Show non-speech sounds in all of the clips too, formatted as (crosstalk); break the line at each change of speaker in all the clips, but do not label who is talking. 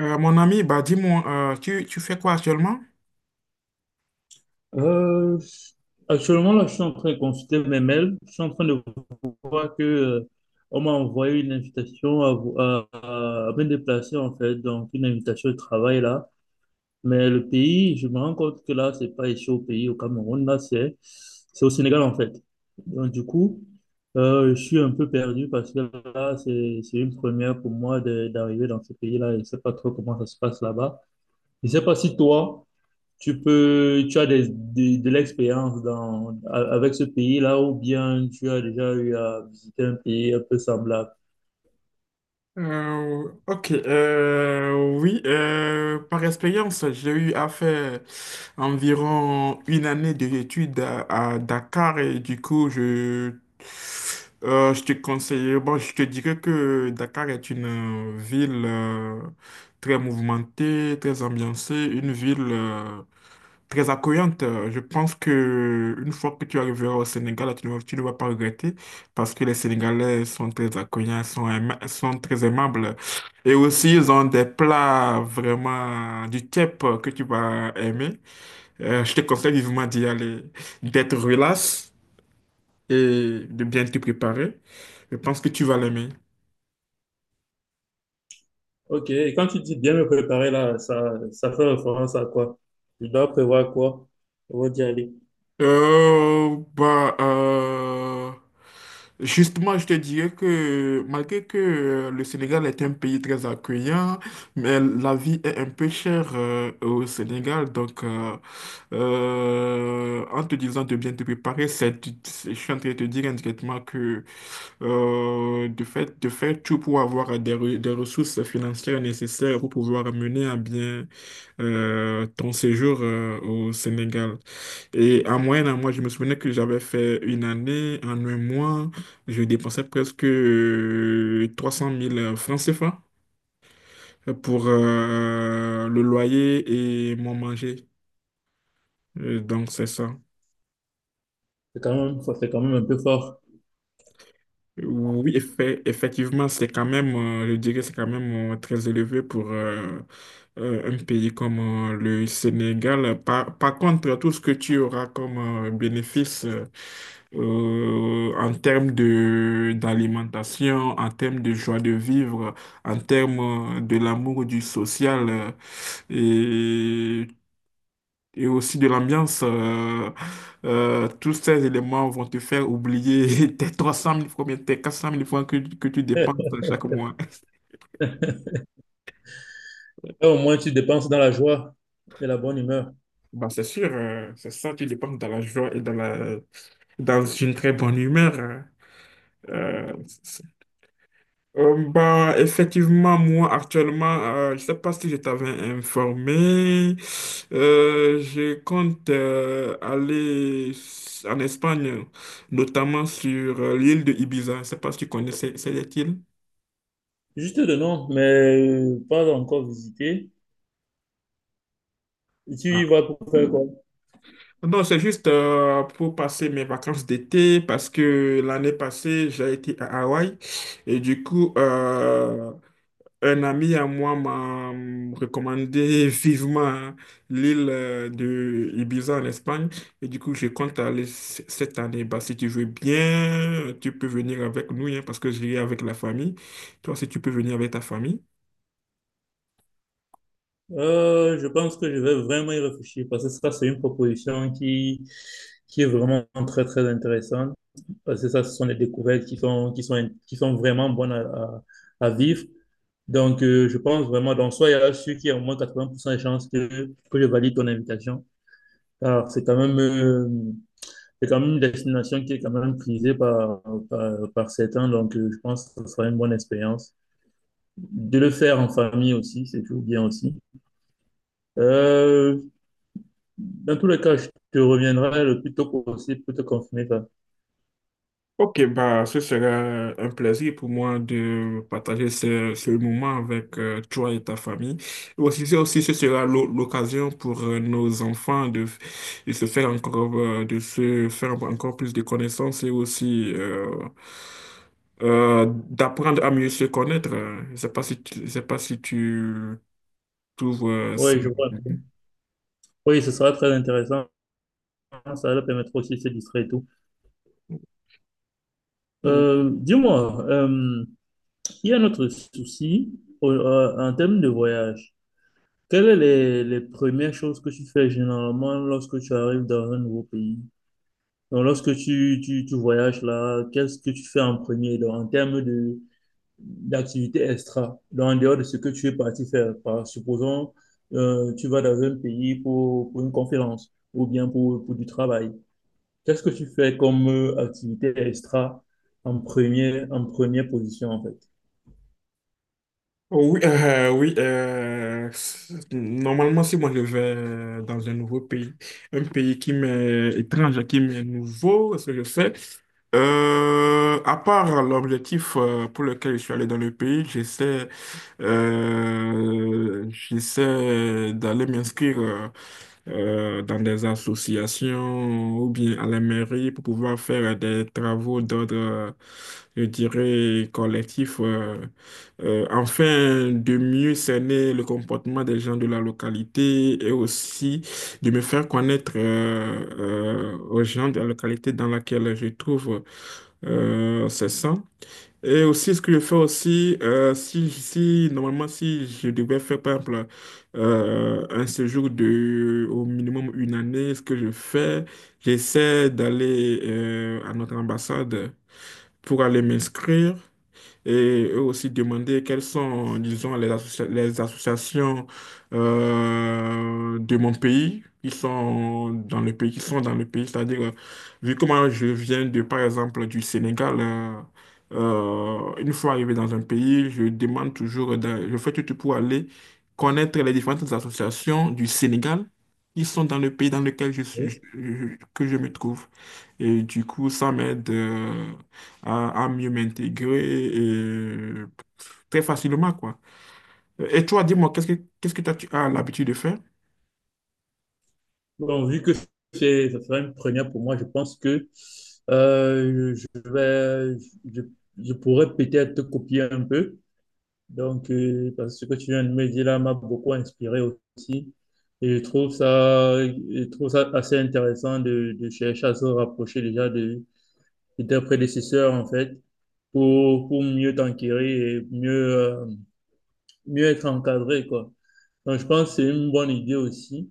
Mon ami, bah dis-moi, tu fais quoi actuellement?
Euh, Actuellement, là, je suis en train de consulter mes mails. Je suis en train de voir que, on m'a envoyé une invitation à, vo- à me déplacer, en fait, donc une invitation de travail, là. Mais le pays, je me rends compte que là, c'est pas ici au pays, au Cameroun, là, c'est au Sénégal, en fait. Donc, du coup, je suis un peu perdu parce que là, c'est une première pour moi d'arriver dans ce pays-là. Je sais pas trop comment ça se passe là-bas. Je sais pas si toi, tu peux, tu as de l'expérience dans, avec ce pays-là ou bien tu as déjà eu à visiter un pays un peu semblable.
Ok, oui, par expérience, j'ai eu à faire environ une année d'études à Dakar et du coup, je te conseille. Bon, je te dirais que Dakar est une ville très mouvementée, très ambiancée, une ville très accueillante. Je pense que une fois que tu arriveras au Sénégal, tu ne vas pas regretter parce que les Sénégalais sont très accueillants, sont très aimables. Et aussi, ils ont des plats vraiment du type que tu vas aimer. Je te conseille vivement d'y aller, d'être relax et de bien te préparer. Je pense que tu vas l'aimer.
Ok, et quand tu dis bien me préparer là, ça fait référence à quoi? Je dois prévoir quoi avant d'y aller?
Euh, bah, euh, Justement, je te dirais que malgré que le Sénégal est un pays très accueillant, mais la vie est un peu chère au Sénégal. Donc, en te disant de bien te préparer, je suis en train de te dire indirectement que de faire tout pour avoir des ressources financières nécessaires pour pouvoir mener à bien ton séjour au Sénégal. Et en moyenne, je me souvenais que j'avais fait une année, en un mois, je dépensais presque 300 000 francs CFA pour le loyer et mon manger. Donc, c'est ça.
C'est quand même un peu fort.
Oui, effectivement, c'est quand même, je dirais, c'est quand même très élevé pour un pays comme le Sénégal. Par contre, tout ce que tu auras comme bénéfice en termes de d'alimentation, en termes de joie de vivre, en termes de l'amour du social, euh, et aussi de l'ambiance. Tous ces éléments vont te faire oublier (laughs) tes 300 mille francs, bien, tes 400 mille francs que tu dépenses
(laughs)
chaque mois.
Eh, au moins, tu dépenses dans la joie et la bonne humeur.
Bah, c'est sûr, c'est ça, tu dépenses dans la joie et dans une très bonne humeur, hein. Euh, Effectivement, moi, actuellement, je ne sais pas si je t'avais informé. Je compte aller en Espagne, notamment sur l'île de Ibiza. Je ne sais pas si tu connais cette île.
Juste de nom, mais pas encore visité. Et tu
Ah,
y vas pour faire quoi?
non, c'est juste pour passer mes vacances d'été parce que l'année passée, j'ai été à Hawaï et du coup, un ami à moi m'a recommandé vivement, hein, l'île de Ibiza en Espagne. Et du coup, je compte aller cette année. Bah, si tu veux bien, tu peux venir avec nous, hein, parce que j'irai avec la famille. Toi, si tu peux venir avec ta famille.
Je pense que je vais vraiment y réfléchir parce que ça, c'est une proposition qui est vraiment très, très intéressante. Parce que ça, ce sont des découvertes qui sont vraiment bonnes à vivre. Donc, je pense vraiment, donc, soit il y a sûr qu'il y a au moins 80% de chances que je valide ton invitation. Alors, c'est quand même une destination qui est quand même prisée par certains. Donc, je pense que ce sera une bonne expérience. De le faire en famille aussi, c'est toujours bien aussi. Euh, Dans tous les cas, je te reviendrai le plus tôt possible pour te confirmer ça.
Ok, bah, ce sera un plaisir pour moi de partager ce moment avec toi et ta famille. Et aussi, ce sera l'occasion pour nos enfants de se faire encore plus de connaissances et aussi d'apprendre à mieux se connaître. Je sais pas si tu trouves ça.
Oui, je vois. Oui, ce sera très intéressant. Ça leur permettra aussi de se distraire et tout. Dis-moi, il y a un autre souci en termes de voyage. Quelles sont les premières choses que tu fais généralement lorsque tu arrives dans un nouveau pays? Donc, lorsque tu voyages là, qu'est-ce que tu fais en premier donc, en termes de, d'activités extra, donc en dehors de ce que tu es parti faire. Par, supposons, tu vas dans un pays pour une conférence ou bien pour du travail. Qu'est-ce que tu fais comme activité extra en première position, en fait?
Oh, oui, oui, normalement, si moi je vais dans un nouveau pays, un pays qui m'est étrange, qui m'est nouveau, ce que je fais, à part l'objectif pour lequel je suis allé dans le pays, j'essaie d'aller m'inscrire dans des associations ou bien à la mairie pour pouvoir faire des travaux d'ordre, je dirais, collectif. Afin de mieux cerner le comportement des gens de la localité et aussi de me faire connaître aux gens de la localité dans laquelle je trouve ces gens. Et aussi, ce que je fais aussi, si, si, normalement, si je devais faire, par exemple, un séjour de au minimum une année, ce que je fais, j'essaie d'aller à notre ambassade pour aller m'inscrire et eux aussi demander quelles sont, disons, les associations de mon pays qui sont dans le pays, c'est-à-dire, vu comment je viens de, par exemple, du Sénégal, une fois arrivé dans un pays, je demande toujours, je fais tout pour aller connaître les différentes associations du Sénégal qui sont dans le pays dans lequel je suis,
Oui.
que je me trouve. Et du coup, ça m'aide à mieux m'intégrer et très facilement, quoi. Et toi, dis-moi, qu'est-ce que toi, tu as l'habitude de faire?
Bon, vu que c'est, ça sera une première pour moi, je pense que je vais, je, je pourrais peut-être te copier un peu. Donc, parce que ce que tu viens de me dire là m'a beaucoup inspiré aussi. Et je trouve ça assez intéressant de chercher à se rapprocher déjà de tes prédécesseurs, en fait, pour mieux t'enquérir et mieux, euh, mieux être encadré, quoi. Donc, je pense que c'est une bonne idée aussi.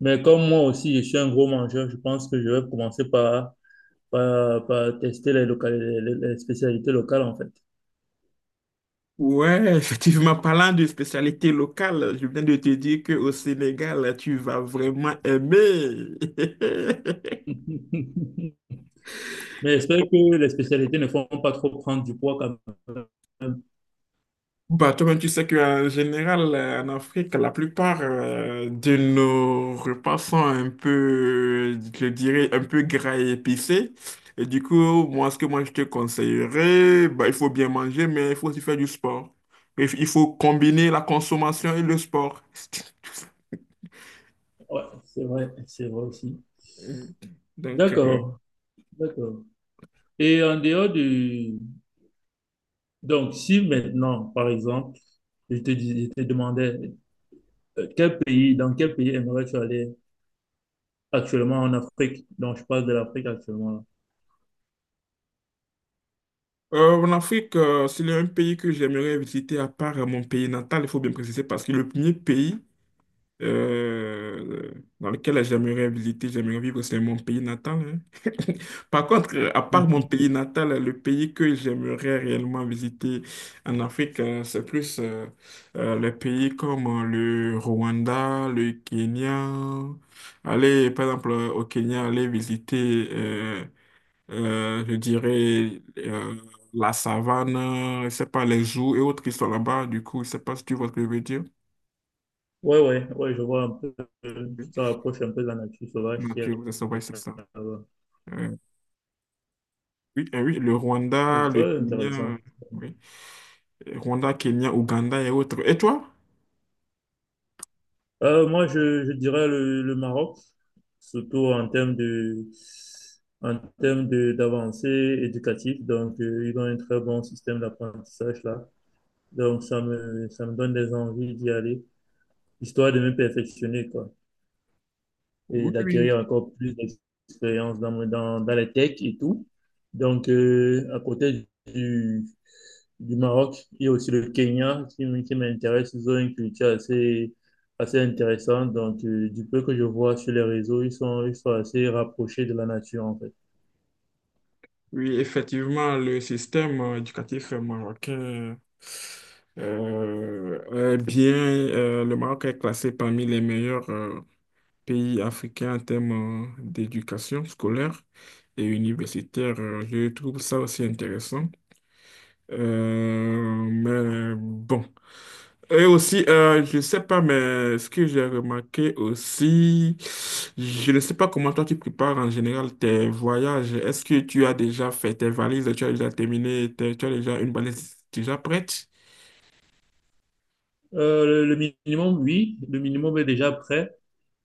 Mais comme moi aussi, je suis un gros mangeur, je pense que je vais commencer par tester les, les spécialités locales, en fait.
Ouais, (laughs) effectivement, parlant de spécialité locale, je viens de te dire qu'au Sénégal, tu vas vraiment aimer. (laughs)
(laughs) Mais j'espère que les spécialités ne font pas trop prendre du poids quand même.
Bah, toi-même, tu sais qu'en général, en Afrique, la plupart de nos repas sont un peu, je dirais, un peu gras et épicés. Et du coup, moi, ce que moi, je te conseillerais, bah, il faut bien manger, mais il faut aussi faire du sport. Et il faut combiner la consommation et le sport. (laughs)
Ouais, c'est vrai aussi.
Donc, euh,
D'accord, d'accord. Et en dehors du... Donc, si maintenant, par exemple, je te dis, je te demandais, dans quel pays aimerais-tu aller actuellement en Afrique? Donc, je parle de l'Afrique actuellement là.
En Afrique, c'est un pays que j'aimerais visiter à part mon pays natal, il faut bien préciser, parce que le premier pays euh, dans lequel j'aimerais visiter, j'aimerais vivre, c'est mon pays natal, hein. (laughs) Par contre, à
(laughs)
part mon
Mhm.
pays natal, le pays que j'aimerais réellement visiter en Afrique, c'est plus les pays comme le Rwanda, le Kenya. Aller, par exemple, au Kenya, aller visiter, je dirais, la savane, je sais pas, les jours et autres qui sont là-bas. Du coup, je sais pas si tu vois ce que je veux dire.
Ouais, ouais, ouais, je vois un peu,
Oui.
ça rapproche un peu de la nature sauvage qui est
Nature, c'est ça, ouais, c'est ça.
là-bas.
Euh, oui, oui, le
Ouais,
Rwanda,
c'est
le
très
Kenya,
intéressant.
oui. Rwanda, Kenya, Ouganda et autres. Et toi?
Moi, je dirais le Maroc, surtout en termes de, d'avancée éducative. Donc, ils ont un très bon système d'apprentissage là. Donc, ça me donne des envies d'y aller, histoire de me perfectionner, quoi, et
Oui, oui,
d'acquérir encore plus d'expérience dans, dans les techs et tout. Donc, à côté du Maroc il y a aussi le Kenya qui m'intéresse. Ils ont une culture assez, assez intéressante. Donc, du peu que je vois sur les réseaux, ils sont assez rapprochés de la nature, en fait.
oui, effectivement, le système éducatif marocain est bien. Le Maroc est classé parmi les meilleurs pays africains en termes d'éducation scolaire et universitaire. Je trouve ça aussi intéressant. Mais bon. Et aussi, je ne sais pas, mais ce que j'ai remarqué aussi, je ne sais pas comment toi tu prépares en général tes voyages. Est-ce que tu as déjà fait tes valises, tu as déjà terminé, tu as déjà une valise déjà prête?
Le minimum, oui, le minimum est déjà prêt.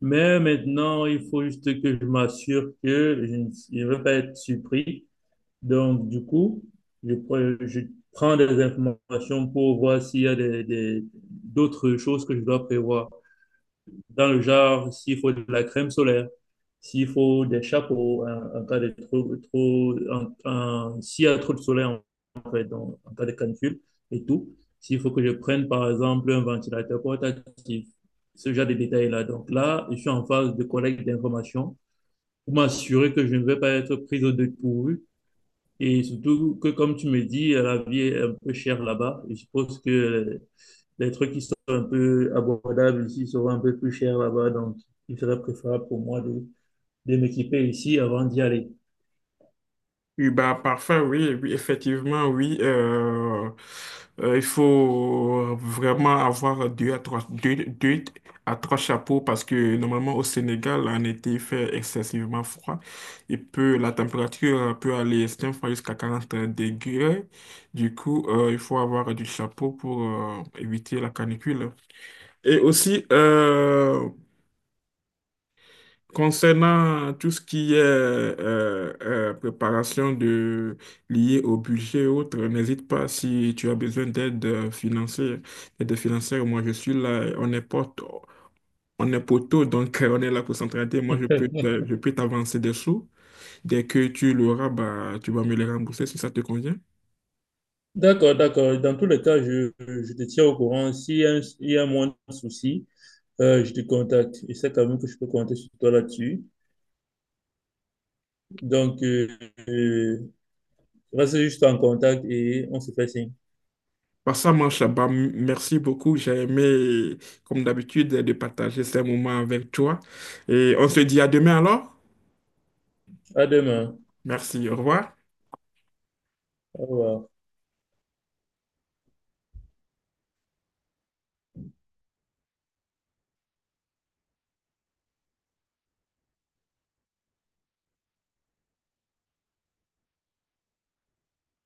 Mais maintenant, il faut juste que je m'assure que je ne vais pas être surpris. Donc, du coup, je prends des informations pour voir s'il y a d'autres choses que je dois prévoir, dans le genre, s'il faut de la crème solaire, s'il faut des chapeaux, en cas de s'il y a trop de soleil, en fait, donc, en cas de canicule et tout, s'il faut que je prenne, par exemple, un ventilateur portatif, ce genre de détails-là. Donc là, je suis en phase de collecte d'informations pour m'assurer que je ne vais pas être prise au dépourvu. Et surtout que, comme tu me dis, la vie est un peu chère là-bas. Je suppose que les trucs qui sont un peu abordables ici seront un peu plus chers là-bas. Donc, il serait préférable pour moi de m'équiper ici avant d'y aller.
Oui, bah, parfait, oui, oui, effectivement, oui. Il faut vraiment avoir deux à trois chapeaux parce que normalement au Sénégal, en été, il fait excessivement froid. La température peut aller certaines fois jusqu'à 40 degrés. Du coup, il faut avoir du chapeau pour éviter la canicule. Et aussi, concernant tout ce qui est préparation de liée au budget et autres, n'hésite pas si tu as besoin d'aide financière. Aide financière, moi je suis là, on est poteau, donc on est là pour s'entraider. Moi je peux
(laughs)
je peux t'avancer des sous. Dès que tu l'auras, bah, tu vas me les rembourser si ça te convient.
D'accord, d'accord. Dans tous les cas, je te tiens au courant. S'il y a, il y a moins de soucis, je te contacte. Je sais quand même que je peux compter sur toi là-dessus. Donc, euh, reste juste en contact et on se fait signe.
Bah, ça marche, bah, merci beaucoup. J'ai aimé, comme d'habitude, de partager ces moments avec toi. Et on se dit à demain alors.
À demain.
Merci, au revoir.
Au revoir.